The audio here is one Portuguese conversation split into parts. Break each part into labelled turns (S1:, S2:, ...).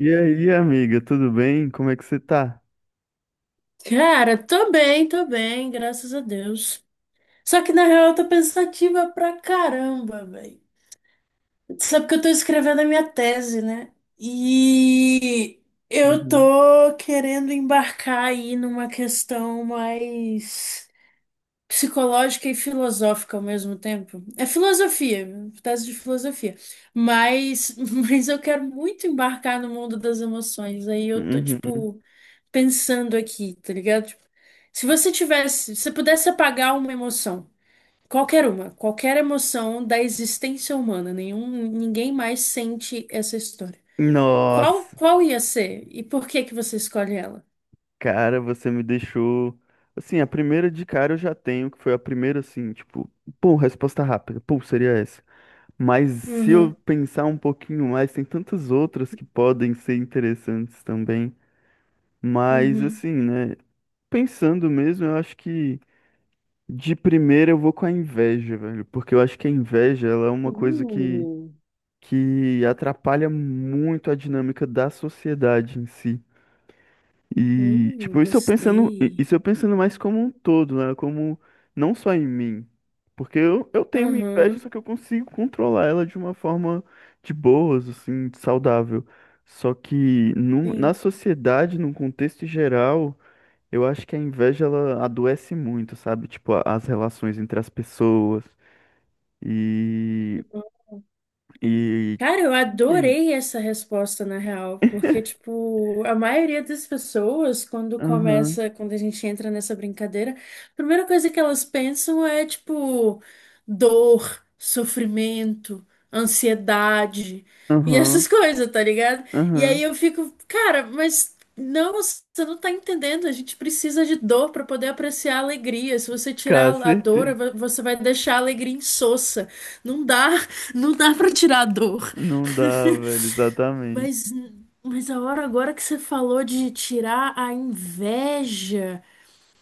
S1: E aí, amiga, tudo bem? Como é que você tá?
S2: Cara, tô bem, graças a Deus. Só que na real eu tô pensativa pra caramba, velho. Sabe que eu tô escrevendo a minha tese, né? E eu
S1: Uhum.
S2: tô querendo embarcar aí numa questão mais psicológica e filosófica ao mesmo tempo. É filosofia, tese de filosofia. Mas, mas eu quero muito embarcar no mundo das emoções. Aí eu tô
S1: Uhum.
S2: tipo pensando aqui, tá ligado? Tipo, se você pudesse apagar uma emoção, qualquer emoção da existência humana, ninguém mais sente essa história. Qual,
S1: Nossa,
S2: qual ia ser e por que que você escolhe ela?
S1: cara, você me deixou. Assim, a primeira de cara eu já tenho, que foi a primeira, assim, tipo, pô, resposta rápida, pô, seria essa. Mas se eu
S2: Uhum,
S1: pensar um pouquinho mais, tem tantas outras que podem ser interessantes também. Mas,
S2: uhum.
S1: assim, né, pensando mesmo, eu acho que de primeira eu vou com a inveja, velho, porque eu acho que a inveja, ela é uma coisa que.
S2: Uh,
S1: Que atrapalha muito a dinâmica da sociedade em si. E, tipo, isso eu pensando, i-
S2: Gostei.
S1: isso eu pensando mais como um todo, né? Como não só em mim. Porque eu tenho minha inveja,
S2: Aham,
S1: só que eu consigo controlar ela de uma forma de boas, assim, saudável. Só que na
S2: sim.
S1: sociedade, num contexto geral, eu acho que a inveja ela adoece muito, sabe? Tipo, as relações entre as pessoas. E. E.
S2: Cara, eu
S1: Enfim.
S2: adorei essa resposta, na real, porque, tipo, a maioria das pessoas, quando
S1: Aham.
S2: começa, quando a gente entra nessa brincadeira, a primeira coisa que elas pensam é, tipo, dor, sofrimento, ansiedade e
S1: Aham.
S2: essas coisas, tá ligado? E aí
S1: Aham.
S2: eu fico, cara, mas não, você não tá entendendo, a gente precisa de dor pra poder apreciar a alegria. Se você
S1: Cara,
S2: tirar a dor,
S1: certeza.
S2: você vai deixar a alegria insossa. Não dá. Não dá pra tirar a dor.
S1: Não dá, velho, exatamente.
S2: Mas, mas a hora agora que você falou de tirar a inveja,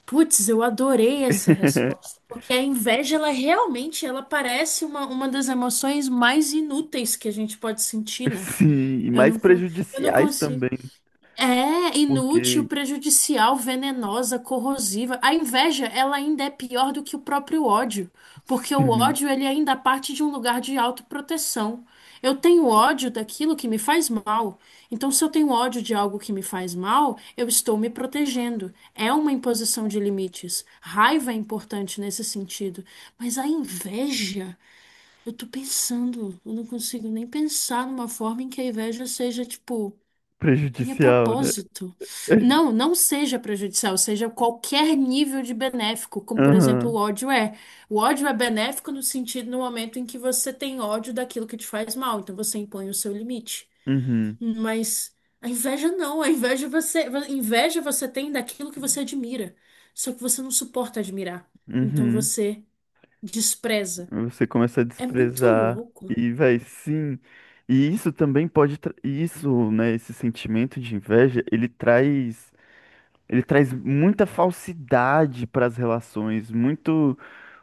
S2: putz, eu adorei essa resposta. Porque a inveja, ela realmente, ela parece uma das emoções mais inúteis que a gente pode sentir, né?
S1: Sim, e
S2: Eu
S1: mais
S2: não, con- eu não
S1: prejudiciais
S2: consigo.
S1: também,
S2: É inútil,
S1: porque,
S2: prejudicial, venenosa, corrosiva. A inveja, ela ainda é pior do que o próprio ódio, porque o
S1: sim,
S2: ódio ele ainda parte de um lugar de autoproteção. Eu tenho ódio daquilo que me faz mal. Então, se eu tenho ódio de algo que me faz mal, eu estou me protegendo. É uma imposição de limites. Raiva é importante nesse sentido. Mas a inveja, eu tô pensando, eu não consigo nem pensar numa forma em que a inveja seja, tipo, tenha
S1: prejudicial, né?
S2: propósito. Não, não seja prejudicial, seja qualquer nível de benéfico, como por exemplo o
S1: Aham,
S2: ódio é. O ódio é benéfico no sentido no momento em que você tem ódio daquilo que te faz mal, então você impõe o seu limite.
S1: uhum,
S2: Mas a inveja não, a inveja você tem daquilo que você admira, só que você não suporta admirar. Então
S1: uhum.
S2: você despreza.
S1: Você começa a
S2: É muito
S1: desprezar
S2: louco.
S1: e vai sim. E isso também pode, e isso, né, esse sentimento de inveja, ele traz muita falsidade para as relações,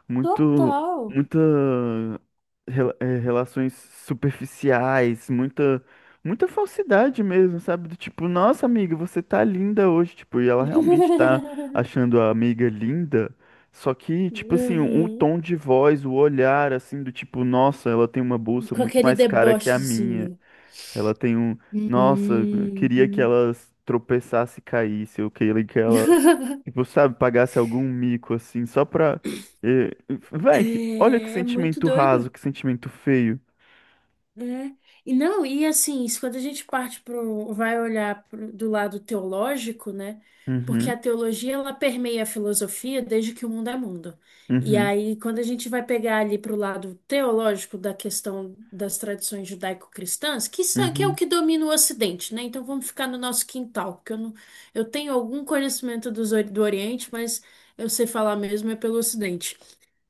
S1: muito,
S2: Total.
S1: muita relações superficiais, muita falsidade mesmo, sabe? Do tipo, nossa amiga, você tá linda hoje, tipo, e ela realmente tá achando a amiga linda. Só que, tipo assim, o
S2: Uhum.
S1: tom de voz, o olhar, assim, do tipo, nossa, ela tem uma bolsa
S2: Com
S1: muito
S2: aquele
S1: mais cara que a minha.
S2: debochezinho.
S1: Ela tem um, nossa, eu queria que
S2: Uhum.
S1: ela tropeçasse e caísse, eu queria que ela. Tipo, sabe, pagasse algum mico assim, só pra. eh, Véi, que olha que
S2: É muito
S1: sentimento raso,
S2: doido.
S1: que sentimento feio.
S2: Né? E não, e assim, isso quando a gente parte pro, vai olhar pro, do lado teológico, né? Porque
S1: Uhum,
S2: a teologia ela permeia a filosofia desde que o mundo é mundo. E
S1: uhum,
S2: aí, quando a gente vai pegar ali pro lado teológico da questão das tradições judaico-cristãs, que, são- que é o
S1: uhum,
S2: que domina o Ocidente, né? Então vamos ficar no nosso quintal, porque eu não, eu tenho algum conhecimento do Oriente, mas eu sei falar mesmo é pelo Ocidente.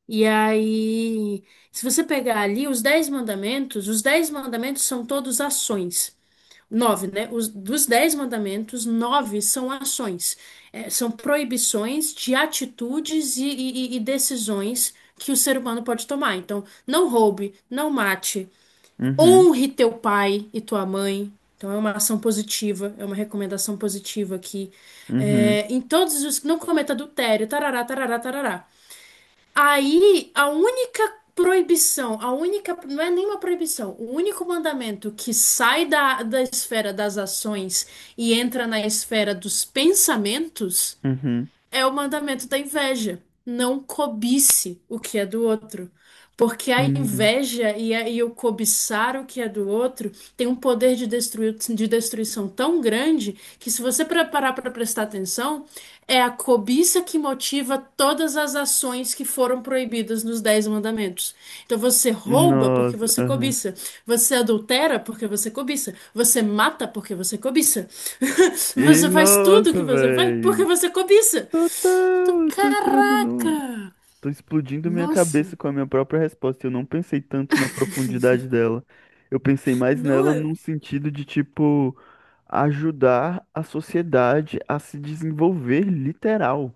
S2: E aí, se você pegar ali os dez mandamentos são todos ações. Nove, né? Dos dez mandamentos, nove são ações. É, são proibições de atitudes e decisões que o ser humano pode tomar. Então, não roube, não mate,
S1: uhum,
S2: honre teu pai e tua mãe. Então, é uma ação positiva, é uma recomendação positiva aqui.
S1: uhum,
S2: É, em todos os. Não cometa adultério, tarará, tarará, tarará. Aí, a única proibição, a única, não é nenhuma proibição, o único mandamento que sai da, da esfera das ações e entra na esfera dos pensamentos
S1: uhum.
S2: é o mandamento da inveja. Não cobice o que é do outro. Porque a
S1: Sim.
S2: inveja e o cobiçar o que é do outro tem um poder de, de destruição tão grande que, se você parar para prestar atenção, é a cobiça que motiva todas as ações que foram proibidas nos Dez Mandamentos. Então, você rouba porque
S1: Nossa,
S2: você
S1: aham.
S2: cobiça, você adultera porque você cobiça, você mata porque você cobiça,
S1: E
S2: você faz tudo que
S1: nossa,
S2: você faz porque
S1: véi.
S2: você cobiça. Então,
S1: Total, eu tô entrando no.
S2: caraca!
S1: Tô explodindo minha cabeça
S2: Nossa!
S1: com a minha própria resposta. Eu não pensei tanto na profundidade dela. Eu pensei mais nela
S2: Não.
S1: num sentido de, tipo, ajudar a sociedade a se desenvolver literal.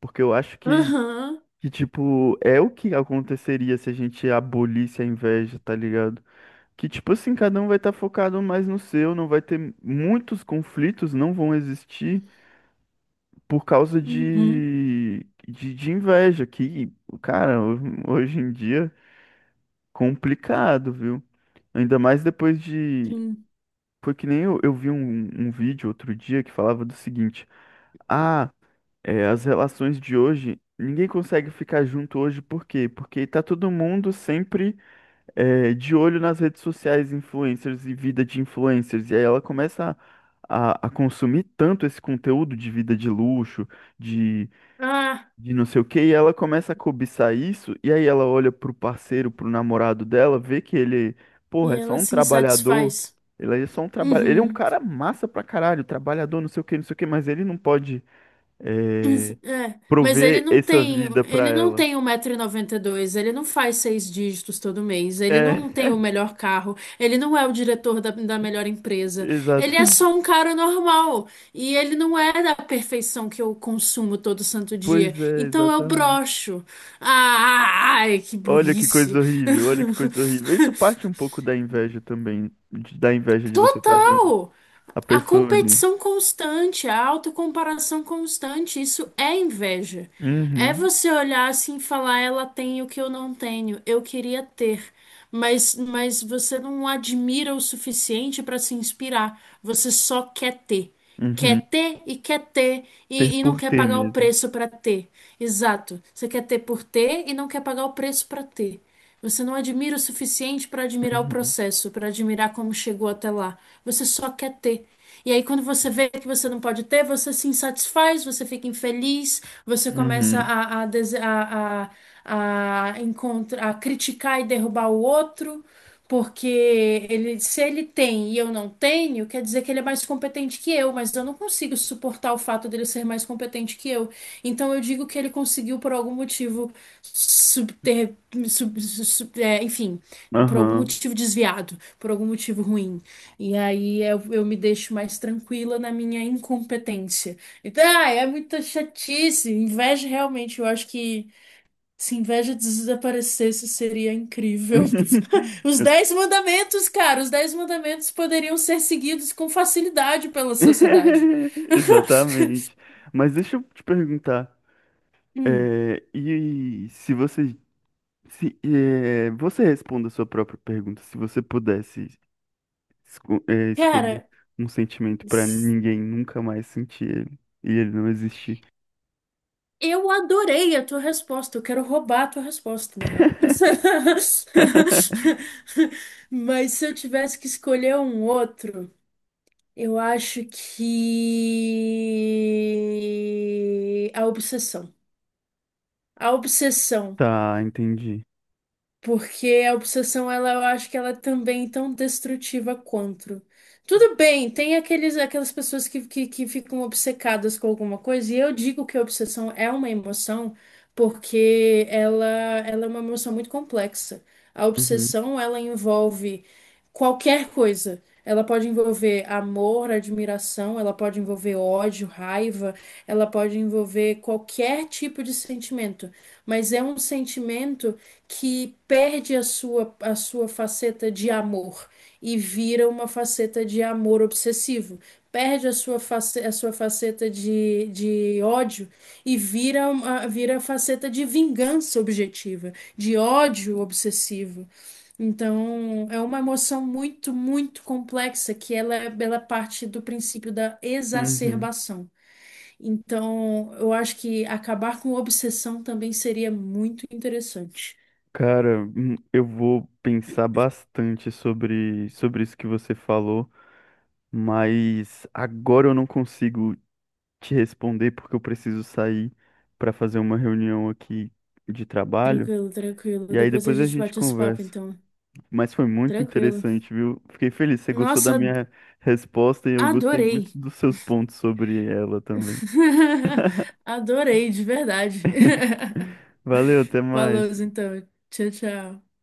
S1: Porque eu acho que,
S2: Aham.
S1: que, tipo, é o que aconteceria se a gente abolisse a inveja, tá ligado? Que, tipo assim, cada um vai estar focado mais no seu, não vai ter muitos conflitos, não vão existir por causa
S2: Uhum.
S1: de inveja, que, cara, hoje em dia, complicado, viu? Ainda mais depois de.
S2: Sim.
S1: Foi que nem eu, eu vi um, um vídeo outro dia que falava do seguinte: ah, é, as relações de hoje, ninguém consegue ficar junto hoje, por quê? Porque tá todo mundo sempre é, de olho nas redes sociais, influencers e vida de influencers, e aí ela começa a, a consumir tanto esse conteúdo de vida de luxo, de
S2: Ah,
S1: de não sei o quê, e ela começa a cobiçar isso, e aí ela olha pro parceiro, pro namorado dela, vê que ele,
S2: e
S1: porra, é só
S2: ela
S1: um
S2: se
S1: trabalhador,
S2: insatisfaz.
S1: ele é só um trabalho, ele é um
S2: Uhum.
S1: cara massa pra caralho, trabalhador, não sei o quê, não sei o quê, mas ele não pode eh,
S2: É. Mas ele
S1: prover
S2: não
S1: essa
S2: tem,
S1: vida pra
S2: ele não
S1: ela.
S2: tem 1,92 m, ele não faz seis dígitos todo mês, ele não
S1: É,
S2: tem o melhor carro, ele não é o diretor da, da melhor empresa, ele é
S1: exata.
S2: só um cara normal e ele não é da perfeição que eu consumo todo santo dia.
S1: Pois é,
S2: Então eu
S1: exatamente.
S2: broxo. Ah, ai, que
S1: Olha que coisa
S2: burrice.
S1: horrível, olha que coisa horrível. Isso parte um pouco da inveja também, da inveja de você estar vendo
S2: Total!
S1: a
S2: A
S1: pessoa ali.
S2: competição constante, a autocomparação constante, isso é inveja. É
S1: Uhum,
S2: você olhar assim e falar, ela tem o que eu não tenho, eu queria ter. Mas você não admira o suficiente para se inspirar, você só
S1: uhum.
S2: quer ter e quer ter
S1: Ter
S2: e não
S1: por
S2: quer
S1: ter
S2: pagar o
S1: mesmo.
S2: preço para ter. Exato. Você quer ter por ter e não quer pagar o preço para ter. Você não admira o suficiente para admirar o
S1: Uhum,
S2: processo, para admirar como chegou até lá. Você só quer ter. E aí, quando você vê que você não pode ter, você se insatisfaz, você fica infeliz, você começa
S1: uhum,
S2: a, dese- a, encontra- a criticar e derrubar o outro. Porque ele, se ele tem e eu não tenho, quer dizer que ele é mais competente que eu, mas eu não consigo suportar o fato dele ser mais competente que eu. Então eu digo que ele conseguiu, por algum motivo, subter, é, enfim, por algum
S1: aham.
S2: motivo desviado, por algum motivo ruim. E aí eu me deixo mais tranquila na minha incompetência. Então, ah, é muita chatice, inveja realmente, eu acho que. Se inveja desaparecesse, seria incrível. Os
S1: Eu-
S2: Dez Mandamentos, cara, os Dez Mandamentos poderiam ser seguidos com facilidade pela sociedade.
S1: exatamente. Mas deixa eu te perguntar,
S2: Hum,
S1: é, e se você, se, é, você responda a sua própria pergunta, se você pudesse é, escolher
S2: cara,
S1: um sentimento para
S2: s-
S1: ninguém nunca mais sentir ele, e ele não existir.
S2: eu adorei a tua resposta. Eu quero roubar a tua resposta, na real. Mas se eu tivesse que escolher um outro, eu acho que a obsessão. A obsessão.
S1: Tá, entendi.
S2: Porque a obsessão, ela, eu acho que ela é também tão destrutiva quanto. Tudo bem, tem aqueles, aquelas pessoas que ficam obcecadas com alguma coisa, e eu digo que a obsessão é uma emoção porque ela é uma emoção muito complexa. A
S1: Uhum,
S2: obsessão, ela envolve qualquer coisa. Ela pode envolver amor, admiração, ela pode envolver ódio, raiva, ela pode envolver qualquer tipo de sentimento, mas é um sentimento que perde a sua faceta de amor e vira uma faceta de amor obsessivo. Perde a sua, face, a sua faceta de ódio e vira, uma, vira a faceta de vingança objetiva, de ódio obsessivo. Então, é uma emoção muito, muito complexa que ela parte do princípio da
S1: uhum.
S2: exacerbação. Então, eu acho que acabar com obsessão também seria muito interessante.
S1: Cara, eu vou pensar bastante sobre, sobre isso que você falou. Mas agora eu não consigo te responder porque eu preciso sair para fazer uma reunião aqui de trabalho.
S2: Tranquilo, tranquilo.
S1: E aí
S2: Depois a
S1: depois a
S2: gente
S1: gente
S2: bate esse papo,
S1: conversa.
S2: então.
S1: Mas foi muito
S2: Tranquilo.
S1: interessante, viu? Fiquei feliz. Você gostou da
S2: Nossa,
S1: minha resposta e eu gostei muito
S2: adorei.
S1: dos seus pontos sobre ela também.
S2: Adorei, de verdade.
S1: Valeu, até
S2: Falou,
S1: mais.
S2: então. Tchau, tchau.